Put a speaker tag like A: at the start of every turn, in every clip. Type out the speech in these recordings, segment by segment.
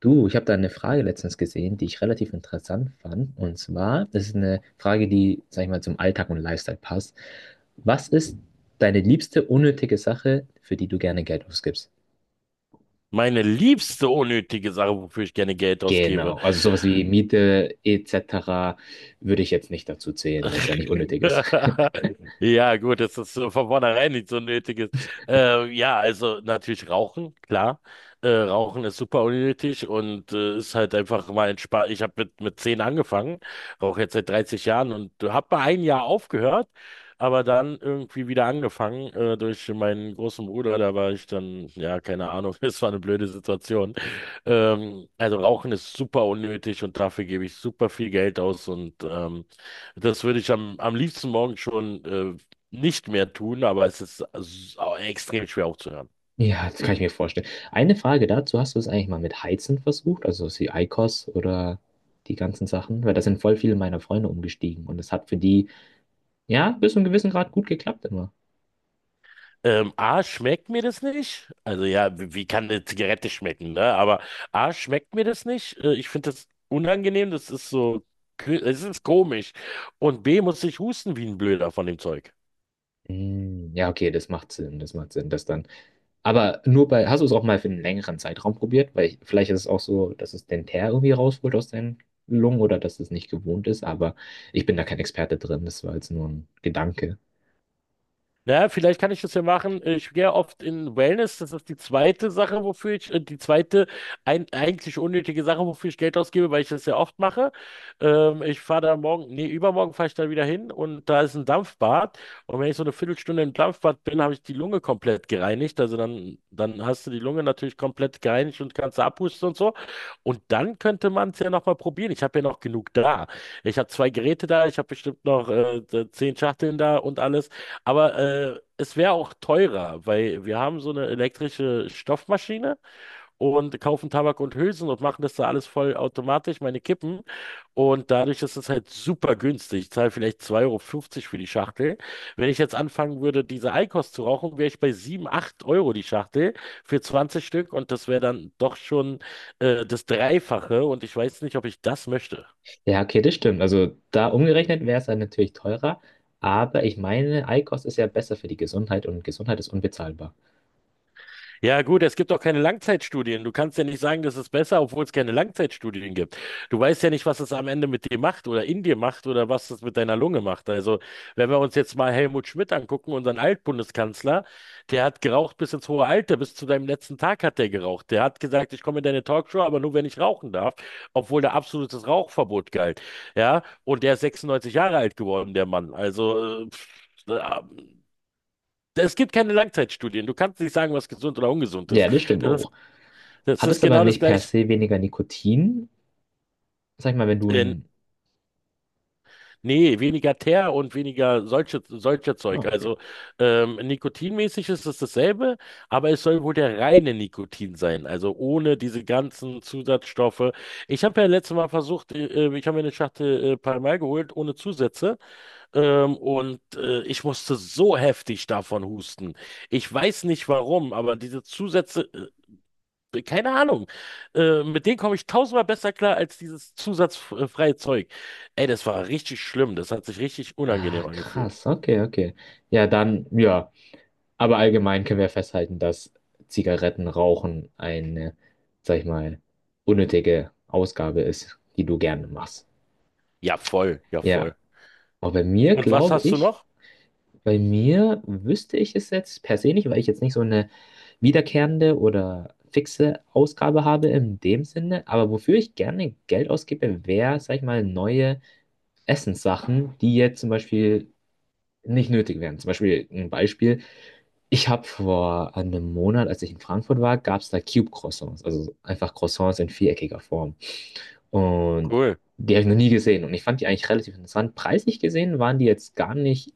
A: Du, ich habe da eine Frage letztens gesehen, die ich relativ interessant fand. Und zwar, das ist eine Frage, die, sag ich mal, zum Alltag und Lifestyle passt. Was ist deine liebste unnötige Sache, für die du gerne Geld ausgibst?
B: Meine liebste unnötige Sache, wofür ich gerne Geld ausgebe.
A: Genau, also sowas wie Miete etc. würde ich jetzt nicht dazu zählen, weil es ja nicht unnötig ist.
B: Ja, gut, dass das von vornherein nicht so nötig ist. Ja, also natürlich Rauchen, klar. Rauchen ist super unnötig und ist halt einfach mal entspannt. Ich habe mit 10 angefangen, rauche jetzt seit 30 Jahren und habe mal ein Jahr aufgehört, aber dann irgendwie wieder angefangen durch meinen großen Bruder. Da war ich dann, ja, keine Ahnung, es war eine blöde Situation. Also Rauchen ist super unnötig und dafür gebe ich super viel Geld aus und das würde ich am liebsten morgen schon nicht mehr tun, aber es ist extrem schwer aufzuhören.
A: Ja, das kann ich mir vorstellen. Eine Frage dazu, hast du es eigentlich mal mit Heizen versucht, also sowas wie IQOS oder die ganzen Sachen? Weil da sind voll viele meiner Freunde umgestiegen und es hat für die, ja, bis zu einem gewissen Grad gut geklappt immer.
B: A, schmeckt mir das nicht? Also ja, wie kann eine Zigarette schmecken, ne? Aber A, schmeckt mir das nicht? Ich finde das unangenehm, das ist so, es ist komisch. Und B, muss ich husten wie ein Blöder von dem Zeug.
A: Mm, ja, okay, das macht Sinn, das macht Sinn, das dann. Aber nur bei, hast du es auch mal für einen längeren Zeitraum probiert? Weil ich, vielleicht ist es auch so, dass es den Teer irgendwie rausholt aus deinen Lungen oder dass es nicht gewohnt ist, aber ich bin da kein Experte drin, das war jetzt nur ein Gedanke.
B: Naja, vielleicht kann ich das ja machen. Ich gehe oft in Wellness. Das ist die zweite Sache, wofür ich, die zweite eigentlich unnötige Sache, wofür ich Geld ausgebe, weil ich das ja oft mache. Ich fahre da morgen, nee, übermorgen fahre ich da wieder hin und da ist ein Dampfbad. Und wenn ich so eine Viertelstunde im Dampfbad bin, habe ich die Lunge komplett gereinigt. Also dann hast du die Lunge natürlich komplett gereinigt und kannst abpusten und so. Und dann könnte man es ja nochmal probieren. Ich habe ja noch genug da. Ich habe zwei Geräte da, ich habe bestimmt noch 10 Schachteln da und alles. Aber es wäre auch teurer, weil wir haben so eine elektrische Stoffmaschine und kaufen Tabak und Hülsen und machen das da alles voll automatisch, meine Kippen. Und dadurch ist es halt super günstig. Ich zahle vielleicht 2,50 € für die Schachtel. Wenn ich jetzt anfangen würde, diese Eikost zu rauchen, wäre ich bei 7, 8 € die Schachtel für 20 Stück. Und das wäre dann doch schon das Dreifache. Und ich weiß nicht, ob ich das möchte.
A: Ja, okay, das stimmt. Also da umgerechnet wäre es dann natürlich teurer, aber ich meine, Eikost ist ja besser für die Gesundheit und Gesundheit ist unbezahlbar.
B: Ja, gut, es gibt auch keine Langzeitstudien. Du kannst ja nicht sagen, das ist besser, obwohl es keine Langzeitstudien gibt. Du weißt ja nicht, was es am Ende mit dir macht oder in dir macht oder was es mit deiner Lunge macht. Also, wenn wir uns jetzt mal Helmut Schmidt angucken, unseren Altbundeskanzler, der hat geraucht bis ins hohe Alter, bis zu deinem letzten Tag hat der geraucht. Der hat gesagt, ich komme in deine Talkshow, aber nur wenn ich rauchen darf, obwohl da absolutes Rauchverbot galt. Ja, und der ist 96 Jahre alt geworden, der Mann. Also, pff, es gibt keine Langzeitstudien. Du kannst nicht sagen, was gesund oder ungesund
A: Ja,
B: ist.
A: das stimmt
B: Das ist,
A: auch.
B: das
A: Hat
B: ist
A: es aber
B: genau das
A: nicht per
B: gleiche.
A: se weniger Nikotin? Sag ich mal, wenn du
B: Äh,
A: ein.
B: Nee, weniger Teer und weniger solche
A: Ah,
B: Zeug.
A: okay.
B: Also nikotinmäßig ist es dasselbe, aber es soll wohl der reine Nikotin sein, also ohne diese ganzen Zusatzstoffe. Ich habe ja letztes Mal versucht, ich habe mir eine Schachtel Pall Mall geholt ohne Zusätze und ich musste so heftig davon husten. Ich weiß nicht warum, aber diese Zusätze keine Ahnung. Mit denen komme ich tausendmal besser klar als dieses zusatzfreie Zeug. Ey, das war richtig schlimm. Das hat sich richtig
A: Ah,
B: unangenehm angefühlt.
A: krass. Okay, okay. Ja, dann, ja. Aber allgemein können wir festhalten, dass Zigarettenrauchen eine, sag ich mal, unnötige Ausgabe ist, die du gerne machst.
B: Ja, voll, ja, voll.
A: Ja. Aber bei mir
B: Und was
A: glaube
B: hast du
A: ich,
B: noch?
A: bei mir wüsste ich es jetzt per se nicht, weil ich jetzt nicht so eine wiederkehrende oder fixe Ausgabe habe in dem Sinne. Aber wofür ich gerne Geld ausgebe, wäre, sag ich mal, neue Essenssachen, die jetzt zum Beispiel nicht nötig wären. Zum Beispiel ein Beispiel. Ich habe vor einem Monat, als ich in Frankfurt war, gab es da Cube-Croissants, also einfach Croissants in viereckiger Form. Und
B: Cool.
A: die habe ich noch nie gesehen und ich fand die eigentlich relativ interessant. Preislich gesehen waren die jetzt gar nicht,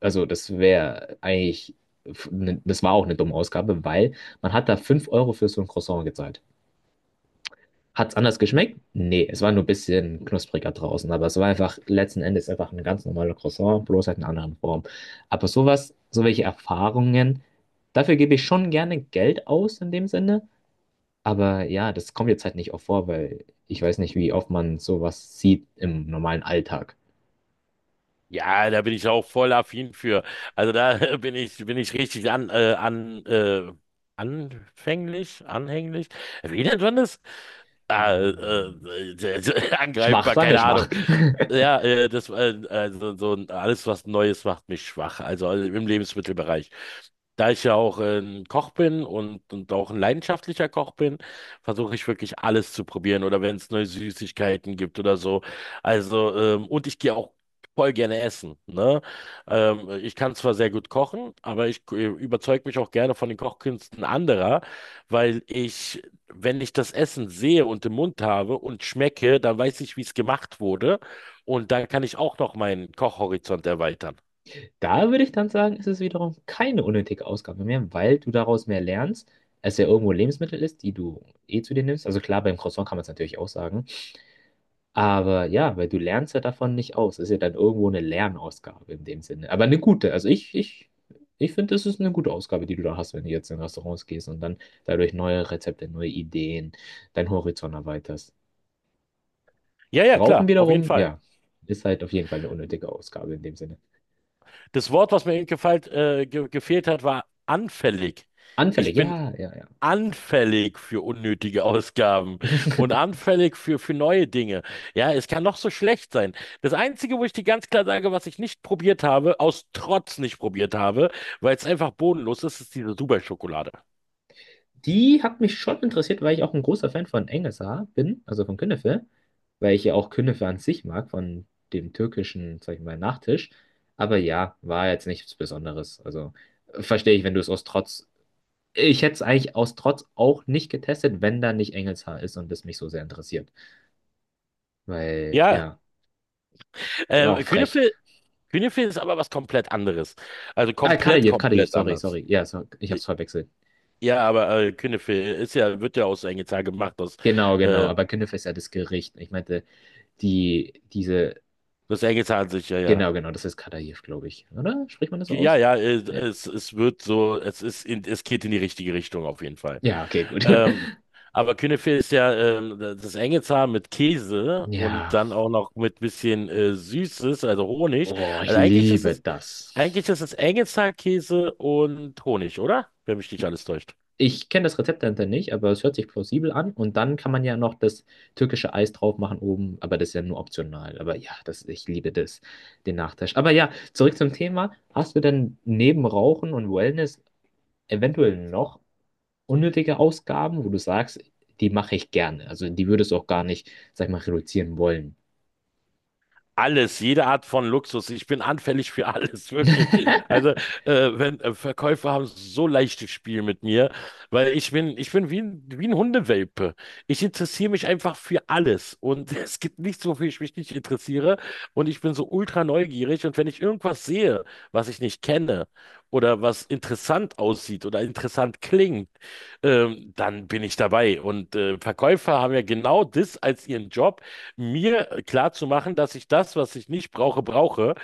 A: also das wäre eigentlich, das war auch eine dumme Ausgabe, weil man hat da 5 Euro für so ein Croissant gezahlt. Hat's anders geschmeckt? Nee, es war nur ein bisschen knuspriger draußen, aber es war einfach letzten Endes einfach ein ganz normaler Croissant, bloß halt in einer anderen Form. Aber sowas, so welche Erfahrungen, dafür gebe ich schon gerne Geld aus in dem Sinne, aber ja, das kommt jetzt halt nicht oft vor, weil ich weiß nicht, wie oft man sowas sieht im normalen Alltag.
B: Ja, da bin ich auch voll affin für. Also da bin ich richtig anfänglich, anhänglich. Wie nennt man das? Ah,
A: Hm, schwach,
B: angreifbar,
A: sagen wir
B: keine Ahnung.
A: schwach.
B: Ja, also so alles, was Neues macht mich schwach. Also im Lebensmittelbereich. Da ich ja auch ein Koch bin und auch ein leidenschaftlicher Koch bin, versuche ich wirklich alles zu probieren oder wenn es neue Süßigkeiten gibt oder so. Also, und ich gehe auch voll gerne essen. Ne? Ich kann zwar sehr gut kochen, aber ich überzeuge mich auch gerne von den Kochkünsten anderer, weil ich, wenn ich das Essen sehe und im Mund habe und schmecke, dann weiß ich, wie es gemacht wurde. Und dann kann ich auch noch meinen Kochhorizont erweitern.
A: Da würde ich dann sagen, ist es wiederum keine unnötige Ausgabe mehr, weil du daraus mehr lernst, als ja irgendwo Lebensmittel ist, die du eh zu dir nimmst. Also klar, beim Croissant kann man es natürlich auch sagen. Aber ja, weil du lernst ja davon nicht aus. Das ist ja dann irgendwo eine Lernausgabe in dem Sinne. Aber eine gute. Also ich finde, das ist eine gute Ausgabe, die du da hast, wenn du jetzt in Restaurants gehst und dann dadurch neue Rezepte, neue Ideen, deinen Horizont erweiterst.
B: Ja, ja,
A: Rauchen
B: klar, auf jeden
A: wiederum,
B: Fall.
A: ja, ist halt auf jeden Fall eine unnötige Ausgabe in dem Sinne.
B: Das Wort, was mir eben gefallen, ge gefehlt hat, war anfällig. Ich
A: Anfällig,
B: bin
A: ja, ja, ja.
B: anfällig für unnötige Ausgaben und anfällig für neue Dinge. Ja, es kann noch so schlecht sein. Das Einzige, wo ich dir ganz klar sage, was ich nicht probiert habe, aus Trotz nicht probiert habe, weil es einfach bodenlos ist, ist diese Dubai-Schokolade.
A: Die hat mich schon interessiert, weil ich auch ein großer Fan von Engelsa bin, also von Künefe, weil ich ja auch Künefe an sich mag, von dem türkischen, sag ich mal, Nachtisch. Aber ja, war jetzt nichts Besonderes. Also verstehe ich, wenn du es aus Trotz. Ich hätte es eigentlich aus Trotz auch nicht getestet, wenn da nicht Engelshaar ist und es mich so sehr interessiert. Weil,
B: Ja,
A: ja, ist auch frech.
B: Künefe, Künefe ist aber was komplett anderes. Also
A: Ah,
B: komplett,
A: Kadayev, Kadayev,
B: komplett
A: sorry,
B: anders.
A: sorry. Ja, so, ich hab's verwechselt.
B: Ja, aber Künefe ist ja, wird ja aus Engelzahn gemacht, aus,
A: Genau, genau.
B: äh,
A: Aber Künefe ist ja das Gericht. Ich meinte, die, diese...
B: das Engelzahn sich, ja, ja.
A: Genau, genau, das ist Kadaev, glaube ich. Oder? Spricht man das so
B: Ja,
A: aus?
B: ja,
A: Ja.
B: es wird so, es ist in, es geht in die richtige Richtung auf jeden Fall.
A: Ja, okay, gut.
B: Ähm, aber Küneffe ist ja das Engelshaar mit Käse und
A: Ja.
B: dann auch noch mit bisschen Süßes, also Honig.
A: Oh, ich
B: Also
A: liebe
B: eigentlich
A: das.
B: ist es Engelshaar, Käse und Honig, oder? Wenn mich nicht alles täuscht.
A: Ich kenne das Rezept dahinter nicht, aber es hört sich plausibel an. Und dann kann man ja noch das türkische Eis drauf machen oben, aber das ist ja nur optional. Aber ja, das, ich liebe das, den Nachtisch. Aber ja, zurück zum Thema. Hast du denn neben Rauchen und Wellness eventuell noch unnötige Ausgaben, wo du sagst, die mache ich gerne? Also die würdest du auch gar nicht, sag ich mal, reduzieren wollen.
B: Alles, jede Art von Luxus. Ich bin anfällig für alles, wirklich. Also, wenn Verkäufer haben so leichtes Spiel mit mir, weil ich bin wie ein Hundewelpe. Ich interessiere mich einfach für alles. Und es gibt nichts, wofür ich mich nicht interessiere. Und ich bin so ultra neugierig. Und wenn ich irgendwas sehe, was ich nicht kenne oder was interessant aussieht oder interessant klingt, dann bin ich dabei. Und Verkäufer haben ja genau das als ihren Job mir klar zu machen, dass ich das, was ich nicht brauche, brauche.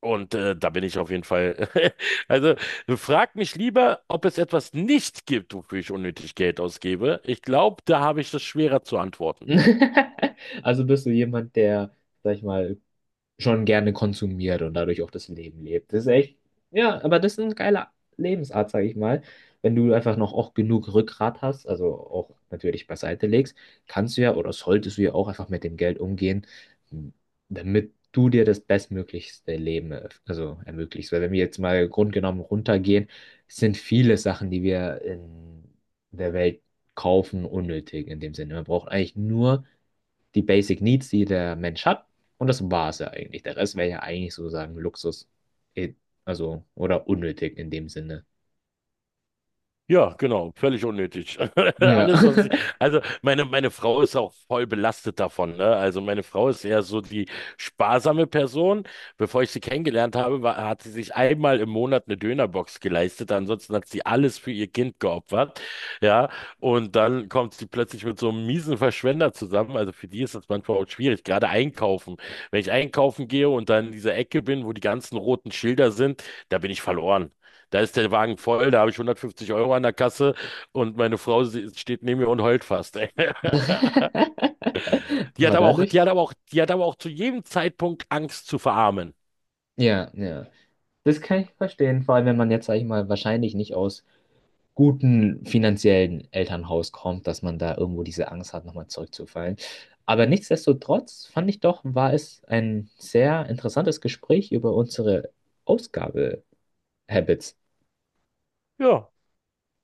B: Und da bin ich auf jeden Fall. Also frag mich lieber, ob es etwas nicht gibt, wofür ich unnötig Geld ausgebe. Ich glaube, da habe ich das schwerer zu antworten.
A: Also bist du jemand, der, sag ich mal, schon gerne konsumiert und dadurch auch das Leben lebt. Das ist echt, ja, aber das ist ein geiler Lebensart, sag ich mal. Wenn du einfach noch auch genug Rückgrat hast, also auch natürlich beiseite legst, kannst du ja oder solltest du ja auch einfach mit dem Geld umgehen, damit du dir das bestmöglichste Leben erf- also ermöglichst. Weil wenn wir jetzt mal grundgenommen runtergehen, sind viele Sachen, die wir in der Welt kaufen, unnötig in dem Sinne. Man braucht eigentlich nur die Basic Needs, die der Mensch hat. Und das war es ja eigentlich. Der Rest wäre ja eigentlich sozusagen Luxus. eh, Also, oder unnötig in dem Sinne.
B: Ja, genau, völlig unnötig.
A: Ja.
B: Alles, also meine Frau ist auch voll belastet davon, ne? Also meine Frau ist eher so die sparsame Person. Bevor ich sie kennengelernt habe, hat sie sich einmal im Monat eine Dönerbox geleistet. Ansonsten hat sie alles für ihr Kind geopfert. Ja, und dann kommt sie plötzlich mit so einem miesen Verschwender zusammen. Also für die ist das manchmal auch schwierig, gerade einkaufen. Wenn ich einkaufen gehe und dann in dieser Ecke bin, wo die ganzen roten Schilder sind, da bin ich verloren. Da ist der Wagen voll, da habe ich 150 € an der Kasse und meine Frau steht neben mir und heult fast.
A: Aber dadurch,
B: Die hat aber auch zu jedem Zeitpunkt Angst zu verarmen.
A: ja, ja. Das kann ich verstehen, vor allem wenn man jetzt, sag ich mal, wahrscheinlich nicht aus guten finanziellen Elternhaus kommt, dass man da irgendwo diese Angst hat, nochmal zurückzufallen. Aber nichtsdestotrotz fand ich doch, war es ein sehr interessantes Gespräch über unsere Ausgabe-Habits.
B: Ja.